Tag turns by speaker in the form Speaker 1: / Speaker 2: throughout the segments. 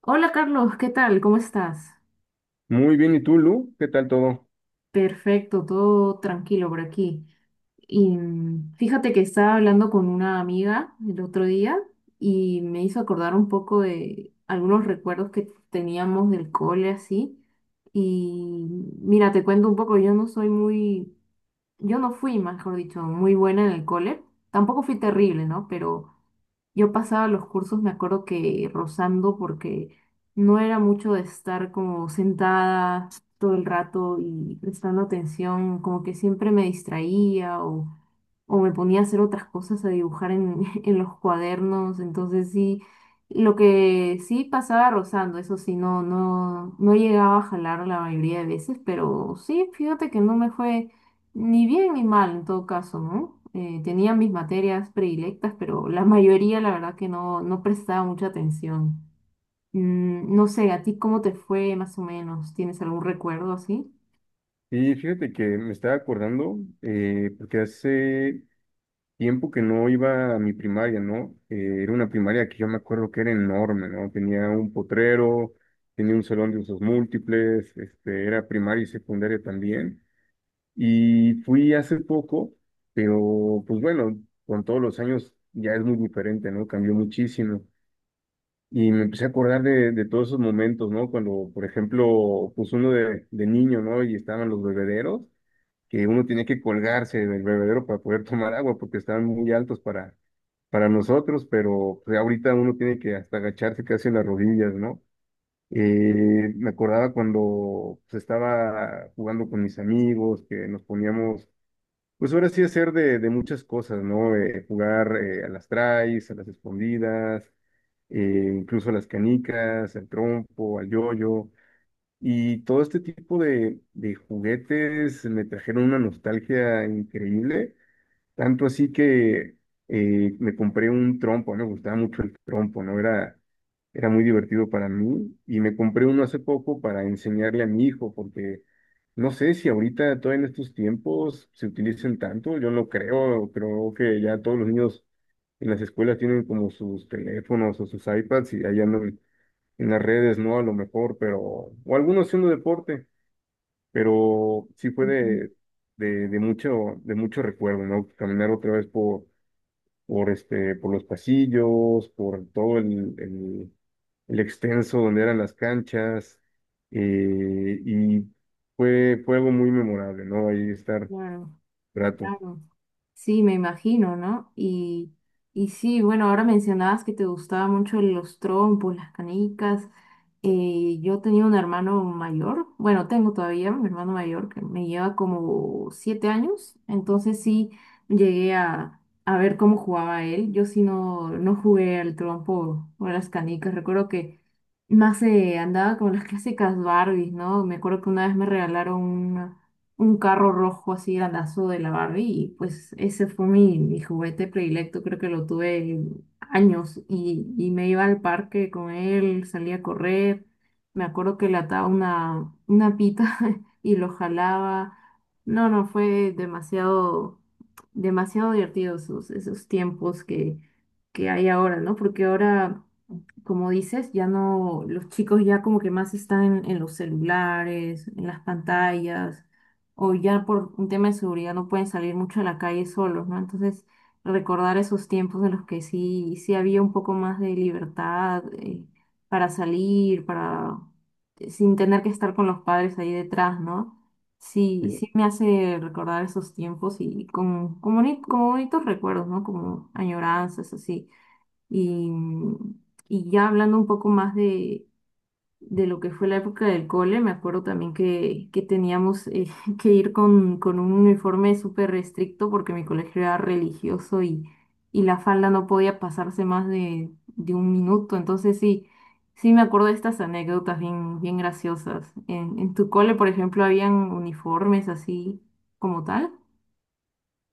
Speaker 1: Hola Carlos, ¿qué tal? ¿Cómo estás?
Speaker 2: Muy bien, ¿y tú, Lu? ¿Qué tal todo?
Speaker 1: Perfecto, todo tranquilo por aquí. Y fíjate que estaba hablando con una amiga el otro día y me hizo acordar un poco de algunos recuerdos que teníamos del cole así. Y mira, te cuento un poco, yo no fui, mejor dicho, muy buena en el cole. Tampoco fui terrible, ¿no? Pero yo pasaba los cursos, me acuerdo que rozando, porque no era mucho de estar como sentada todo el rato y prestando atención, como que siempre me distraía o me ponía a hacer otras cosas, en los cuadernos, entonces sí, lo que sí pasaba rozando, eso sí, no llegaba a jalar la mayoría de veces, pero sí, fíjate que no me fue ni bien ni mal en todo caso, ¿no? Tenía mis materias predilectas, pero la mayoría la verdad que no prestaba mucha atención. No sé, ¿a ti cómo te fue más o menos? ¿Tienes algún recuerdo así?
Speaker 2: Y fíjate que me estaba acordando, porque hace tiempo que no iba a mi primaria, ¿no? Era una primaria que yo me acuerdo que era enorme, ¿no? Tenía un potrero, tenía un salón de usos múltiples, este, era primaria y secundaria también. Y fui hace poco, pero pues bueno, con todos los años ya es muy diferente, ¿no? Cambió muchísimo. Y me empecé a acordar de todos esos momentos, ¿no? Cuando, por ejemplo, pues uno de niño, ¿no? Y estaban los bebederos, que uno tenía que colgarse del bebedero para poder tomar agua, porque estaban muy altos para nosotros, pero pues, ahorita uno tiene que hasta agacharse casi en las rodillas, ¿no? Me acordaba cuando pues, estaba jugando con mis amigos, que nos poníamos pues ahora sí hacer de muchas cosas, ¿no? Jugar a las traes, a las escondidas, incluso a las canicas, al trompo, al yoyo. Y todo este tipo de juguetes me trajeron una nostalgia increíble tanto así que me compré un trompo, ¿no? Me gustaba mucho el trompo, ¿no? Era, era muy divertido para mí y me compré uno hace poco para enseñarle a mi hijo, porque no sé si ahorita, todavía en estos tiempos, se utilicen tanto, yo no creo, creo que ya todos los niños en las escuelas tienen como sus teléfonos o sus iPads y allá en las redes, ¿no? A lo mejor, pero, o algunos haciendo deporte, pero sí fue
Speaker 1: Ujú.
Speaker 2: de, de mucho recuerdo, ¿no? Caminar otra vez por, este, por los pasillos, por todo el extenso donde eran las canchas, y fue, fue algo muy memorable, ¿no? Ahí estar
Speaker 1: Claro,
Speaker 2: rato.
Speaker 1: claro. Sí, me imagino, ¿no? Y sí, bueno, ahora mencionabas que te gustaba mucho los trompos, las canicas. Yo tenía un hermano mayor, bueno, tengo todavía un hermano mayor que me lleva como 7 años, entonces sí llegué a ver cómo jugaba él. Yo sí no jugué al trompo o a las canicas, recuerdo que más andaba con las clásicas Barbies, ¿no? Me acuerdo que una vez me regalaron un carro rojo así grandazo de la Barbie y pues ese fue mi juguete predilecto, creo que lo tuve años y me iba al parque con él, salía a correr, me acuerdo que le ataba una pita y lo jalaba, no, no, fue demasiado, demasiado divertido esos, esos tiempos que hay ahora, ¿no? Porque ahora como dices, ya no, los chicos ya como que más están en los celulares, en las pantallas, o ya por un tema de seguridad no pueden salir mucho a la calle solos, ¿no? Entonces, recordar esos tiempos en los que sí, sí había un poco más de libertad para salir, para sin tener que estar con los padres ahí detrás, ¿no? Sí, sí me hace recordar esos tiempos y como bonitos recuerdos, ¿no? Como añoranzas, así. Y, y ya hablando un poco más de lo que fue la época del cole, me acuerdo también que teníamos que ir con un uniforme súper estricto porque mi colegio era religioso y la falda no podía pasarse más de 1 minuto. Entonces sí, sí me acuerdo de estas anécdotas bien, bien graciosas. En tu cole, por ejemplo, habían uniformes así como tal?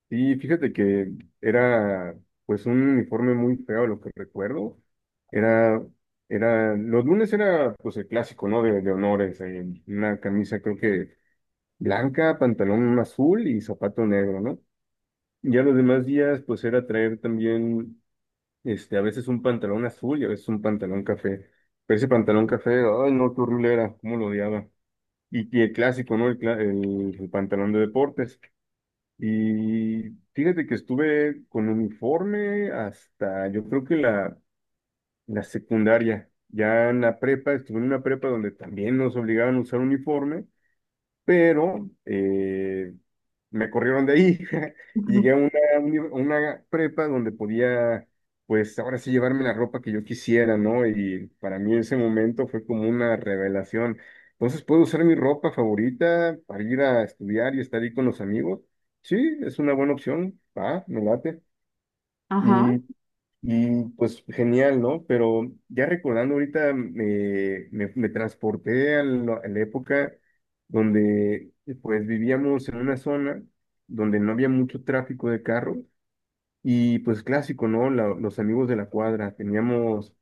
Speaker 2: Y fíjate que era, pues, un uniforme muy feo, lo que recuerdo. Era, era, los lunes era, pues, el clásico, ¿no? De honores, una camisa, creo que blanca, pantalón azul y zapato negro, ¿no? Ya los demás días, pues era traer también, este, a veces un pantalón azul y a veces un pantalón café. Pero ese pantalón café, ay, no, qué horrible era, cómo lo odiaba. Y el clásico, ¿no? El pantalón de deportes. Y fíjate que estuve con uniforme hasta, yo creo que la secundaria. Ya en la prepa, estuve en una prepa donde también nos obligaban a usar uniforme, pero me corrieron de ahí y llegué
Speaker 1: Ujú.
Speaker 2: a una, a una prepa donde podía, pues ahora sí llevarme la ropa que yo quisiera, ¿no? Y para mí ese momento fue como una revelación. Entonces puedo usar mi ropa favorita para ir a estudiar y estar ahí con los amigos. Sí, es una buena opción. Ah, me late.
Speaker 1: Ajá.
Speaker 2: Y, y, pues genial, ¿no? Pero ya recordando ahorita me transporté a la época donde pues vivíamos en una zona donde no había mucho tráfico de carros, y pues clásico, ¿no? Los amigos de la cuadra, teníamos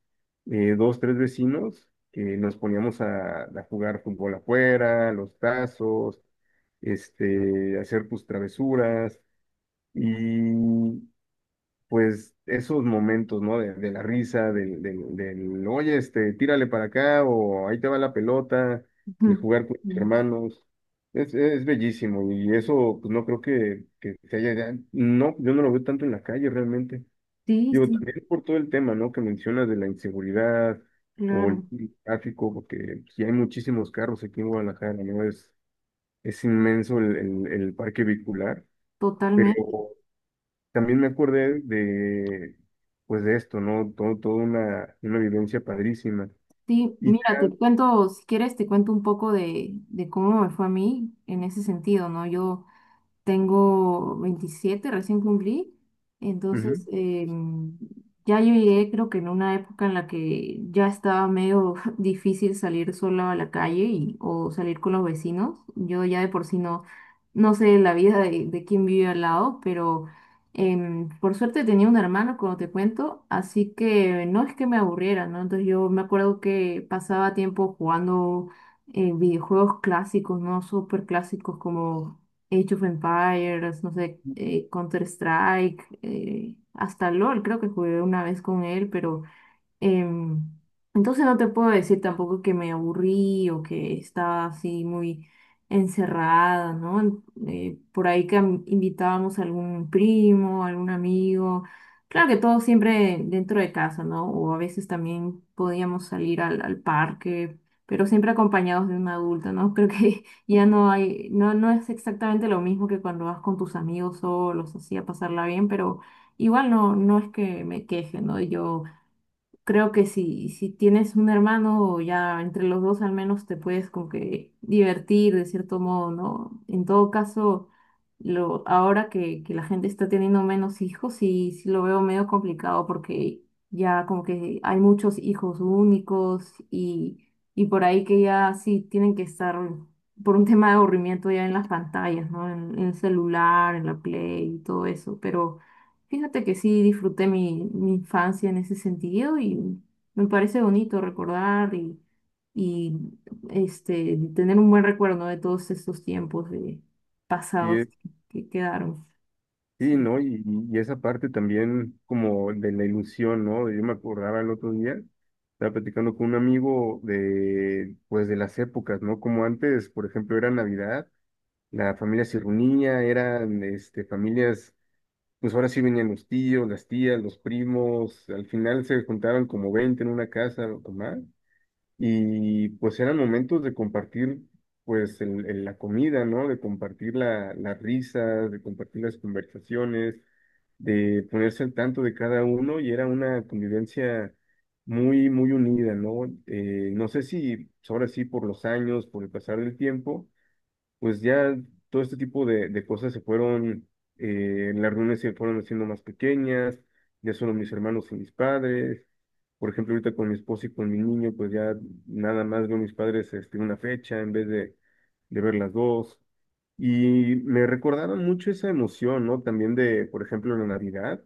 Speaker 2: dos, tres vecinos que nos poníamos a jugar fútbol afuera, los tazos, este, hacer tus travesuras. Y pues esos momentos, ¿no? De la risa, oye, este, tírale para acá o ahí te va la pelota, de
Speaker 1: Ujú.
Speaker 2: jugar con tus
Speaker 1: Mm.
Speaker 2: hermanos. Es bellísimo y eso, pues no creo que se haya, no, yo no lo veo tanto en la calle realmente.
Speaker 1: Sí,
Speaker 2: Digo,
Speaker 1: sí,
Speaker 2: también por todo el tema, ¿no? Que mencionas de la inseguridad o el
Speaker 1: claro,
Speaker 2: tráfico, porque pues, sí hay muchísimos carros aquí en Guadalajara, ¿no? Es inmenso el, el parque vehicular. Pero
Speaker 1: totalmente.
Speaker 2: también me acordé de, pues de esto, ¿no? Todo, toda una vivencia padrísima.
Speaker 1: Sí,
Speaker 2: Y
Speaker 1: mira, te
Speaker 2: ya,
Speaker 1: cuento, si quieres, te cuento un poco de cómo me fue a mí en ese sentido, ¿no? Yo tengo 27 recién cumplí. Entonces,
Speaker 2: ujú,
Speaker 1: ya yo llegué, creo que en una época en la que ya estaba medio difícil salir sola a la calle y, o salir con los vecinos. Yo ya de por sí no sé la vida de quién vive al lado, pero por suerte tenía un hermano, como te cuento, así que no es que me aburriera, ¿no? Entonces yo me acuerdo que pasaba tiempo jugando videojuegos clásicos, ¿no? Súper clásicos como Age of Empires, no sé, Counter Strike, hasta LOL creo que jugué una vez con él, pero Em, entonces no te puedo decir tampoco que me aburrí o que estaba así muy encerrada, ¿no? Por ahí que invitábamos a algún primo, algún amigo. Claro que todo siempre dentro de casa, ¿no? O a veces también podíamos salir al, al parque, pero siempre acompañados de un adulto, ¿no? Creo que ya no hay, no, no es exactamente lo mismo que cuando vas con tus amigos solos, así a pasarla bien, pero igual no, no es que me queje, ¿no? Yo creo que si, si tienes un hermano, ya entre los dos al menos te puedes como que divertir de cierto modo, ¿no? En todo caso, ahora que la gente está teniendo menos hijos, sí, sí lo veo medio complicado porque ya como que hay muchos hijos únicos y por ahí que ya sí tienen que estar por un tema de aburrimiento ya en las pantallas, ¿no? En el celular, en la Play y todo eso, pero... Fíjate que sí disfruté mi infancia en ese sentido y me parece bonito recordar y este, tener un buen recuerdo, ¿no? De todos estos tiempos de
Speaker 2: y,
Speaker 1: pasados que quedaron.
Speaker 2: sí,
Speaker 1: Sí.
Speaker 2: ¿no? Y esa parte también como de la ilusión, ¿no? Yo me acordaba el otro día, estaba platicando con un amigo de, pues de las épocas, ¿no? Como antes, por ejemplo, era Navidad, la familia se reunía, eran, este, familias, pues ahora sí venían los tíos, las tías, los primos, al final se juntaban como 20 en una casa o más. Y pues eran momentos de compartir pues la comida, ¿no? De compartir la, las risas, de compartir las conversaciones, de ponerse al tanto de cada uno, y era una convivencia muy, muy unida, ¿no? No sé si ahora sí por los años, por el pasar del tiempo pues ya todo este tipo de cosas se fueron, las reuniones se fueron haciendo más pequeñas, ya solo mis hermanos y mis padres. Por ejemplo, ahorita con mi esposo y con mi niño, pues ya nada más veo a mis padres este, una fecha en vez de ver las dos. Y me recordaron mucho esa emoción, ¿no? También de, por ejemplo, la Navidad,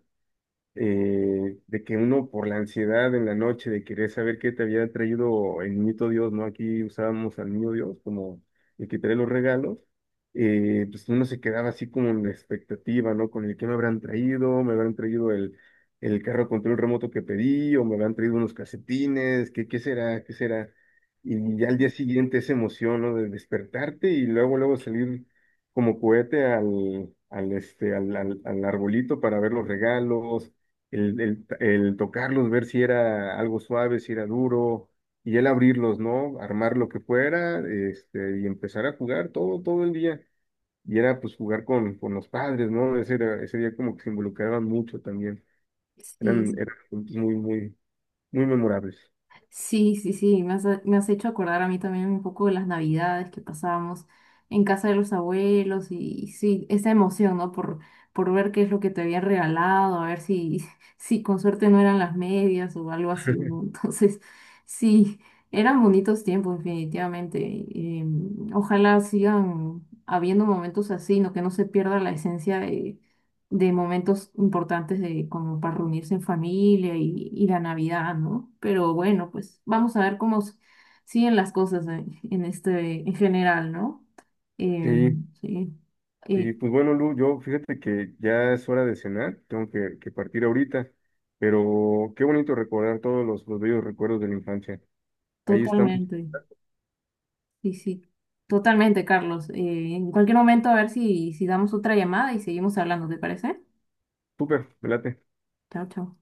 Speaker 2: de que uno por la ansiedad en la noche de querer saber qué te había traído el niñito Dios, ¿no? Aquí usábamos al niño Dios como el que trae los regalos, pues uno se quedaba así como en la expectativa, ¿no? Con el que me habrán traído el carro control remoto que pedí, o me habrán traído unos casetines, ¿qué, qué será? ¿Qué será? Y ya al día siguiente esa emoción, ¿no? De despertarte y luego, luego salir como cohete al, al, este, al, al arbolito para ver los regalos, el, el tocarlos, ver si era algo suave, si era duro, y el abrirlos, ¿no? Armar lo que fuera, este, y empezar a jugar todo, todo el día. Y era pues jugar con los padres, ¿no? Ese, ese día como que se involucraban mucho también. Eran,
Speaker 1: Sí.
Speaker 2: eran momentos muy, muy, muy memorables.
Speaker 1: Sí, sí, sí, me has hecho acordar a mí también un poco de las navidades que pasábamos en casa de los abuelos y sí, esa emoción, ¿no? Por ver qué es lo que te habían regalado, a ver si, si con suerte no eran las medias o algo así, ¿no? Entonces, sí, eran bonitos tiempos, definitivamente. Em, ojalá sigan habiendo momentos así, ¿no? Que no se pierda la esencia de momentos importantes de como para reunirse en familia y la Navidad, ¿no? Pero bueno, pues vamos a ver cómo s- siguen las cosas en este en general, ¿no? Eh,
Speaker 2: Sí,
Speaker 1: sí,
Speaker 2: y
Speaker 1: eh,
Speaker 2: pues bueno, Lu, yo fíjate que ya es hora de cenar, tengo que partir ahorita, pero qué bonito recordar todos los bellos recuerdos de la infancia. Ahí estamos,
Speaker 1: totalmente, sí, sí, totalmente, Carlos. En cualquier momento a ver si, si damos otra llamada y seguimos hablando, ¿te parece?
Speaker 2: súper, me late.
Speaker 1: Chao, chao.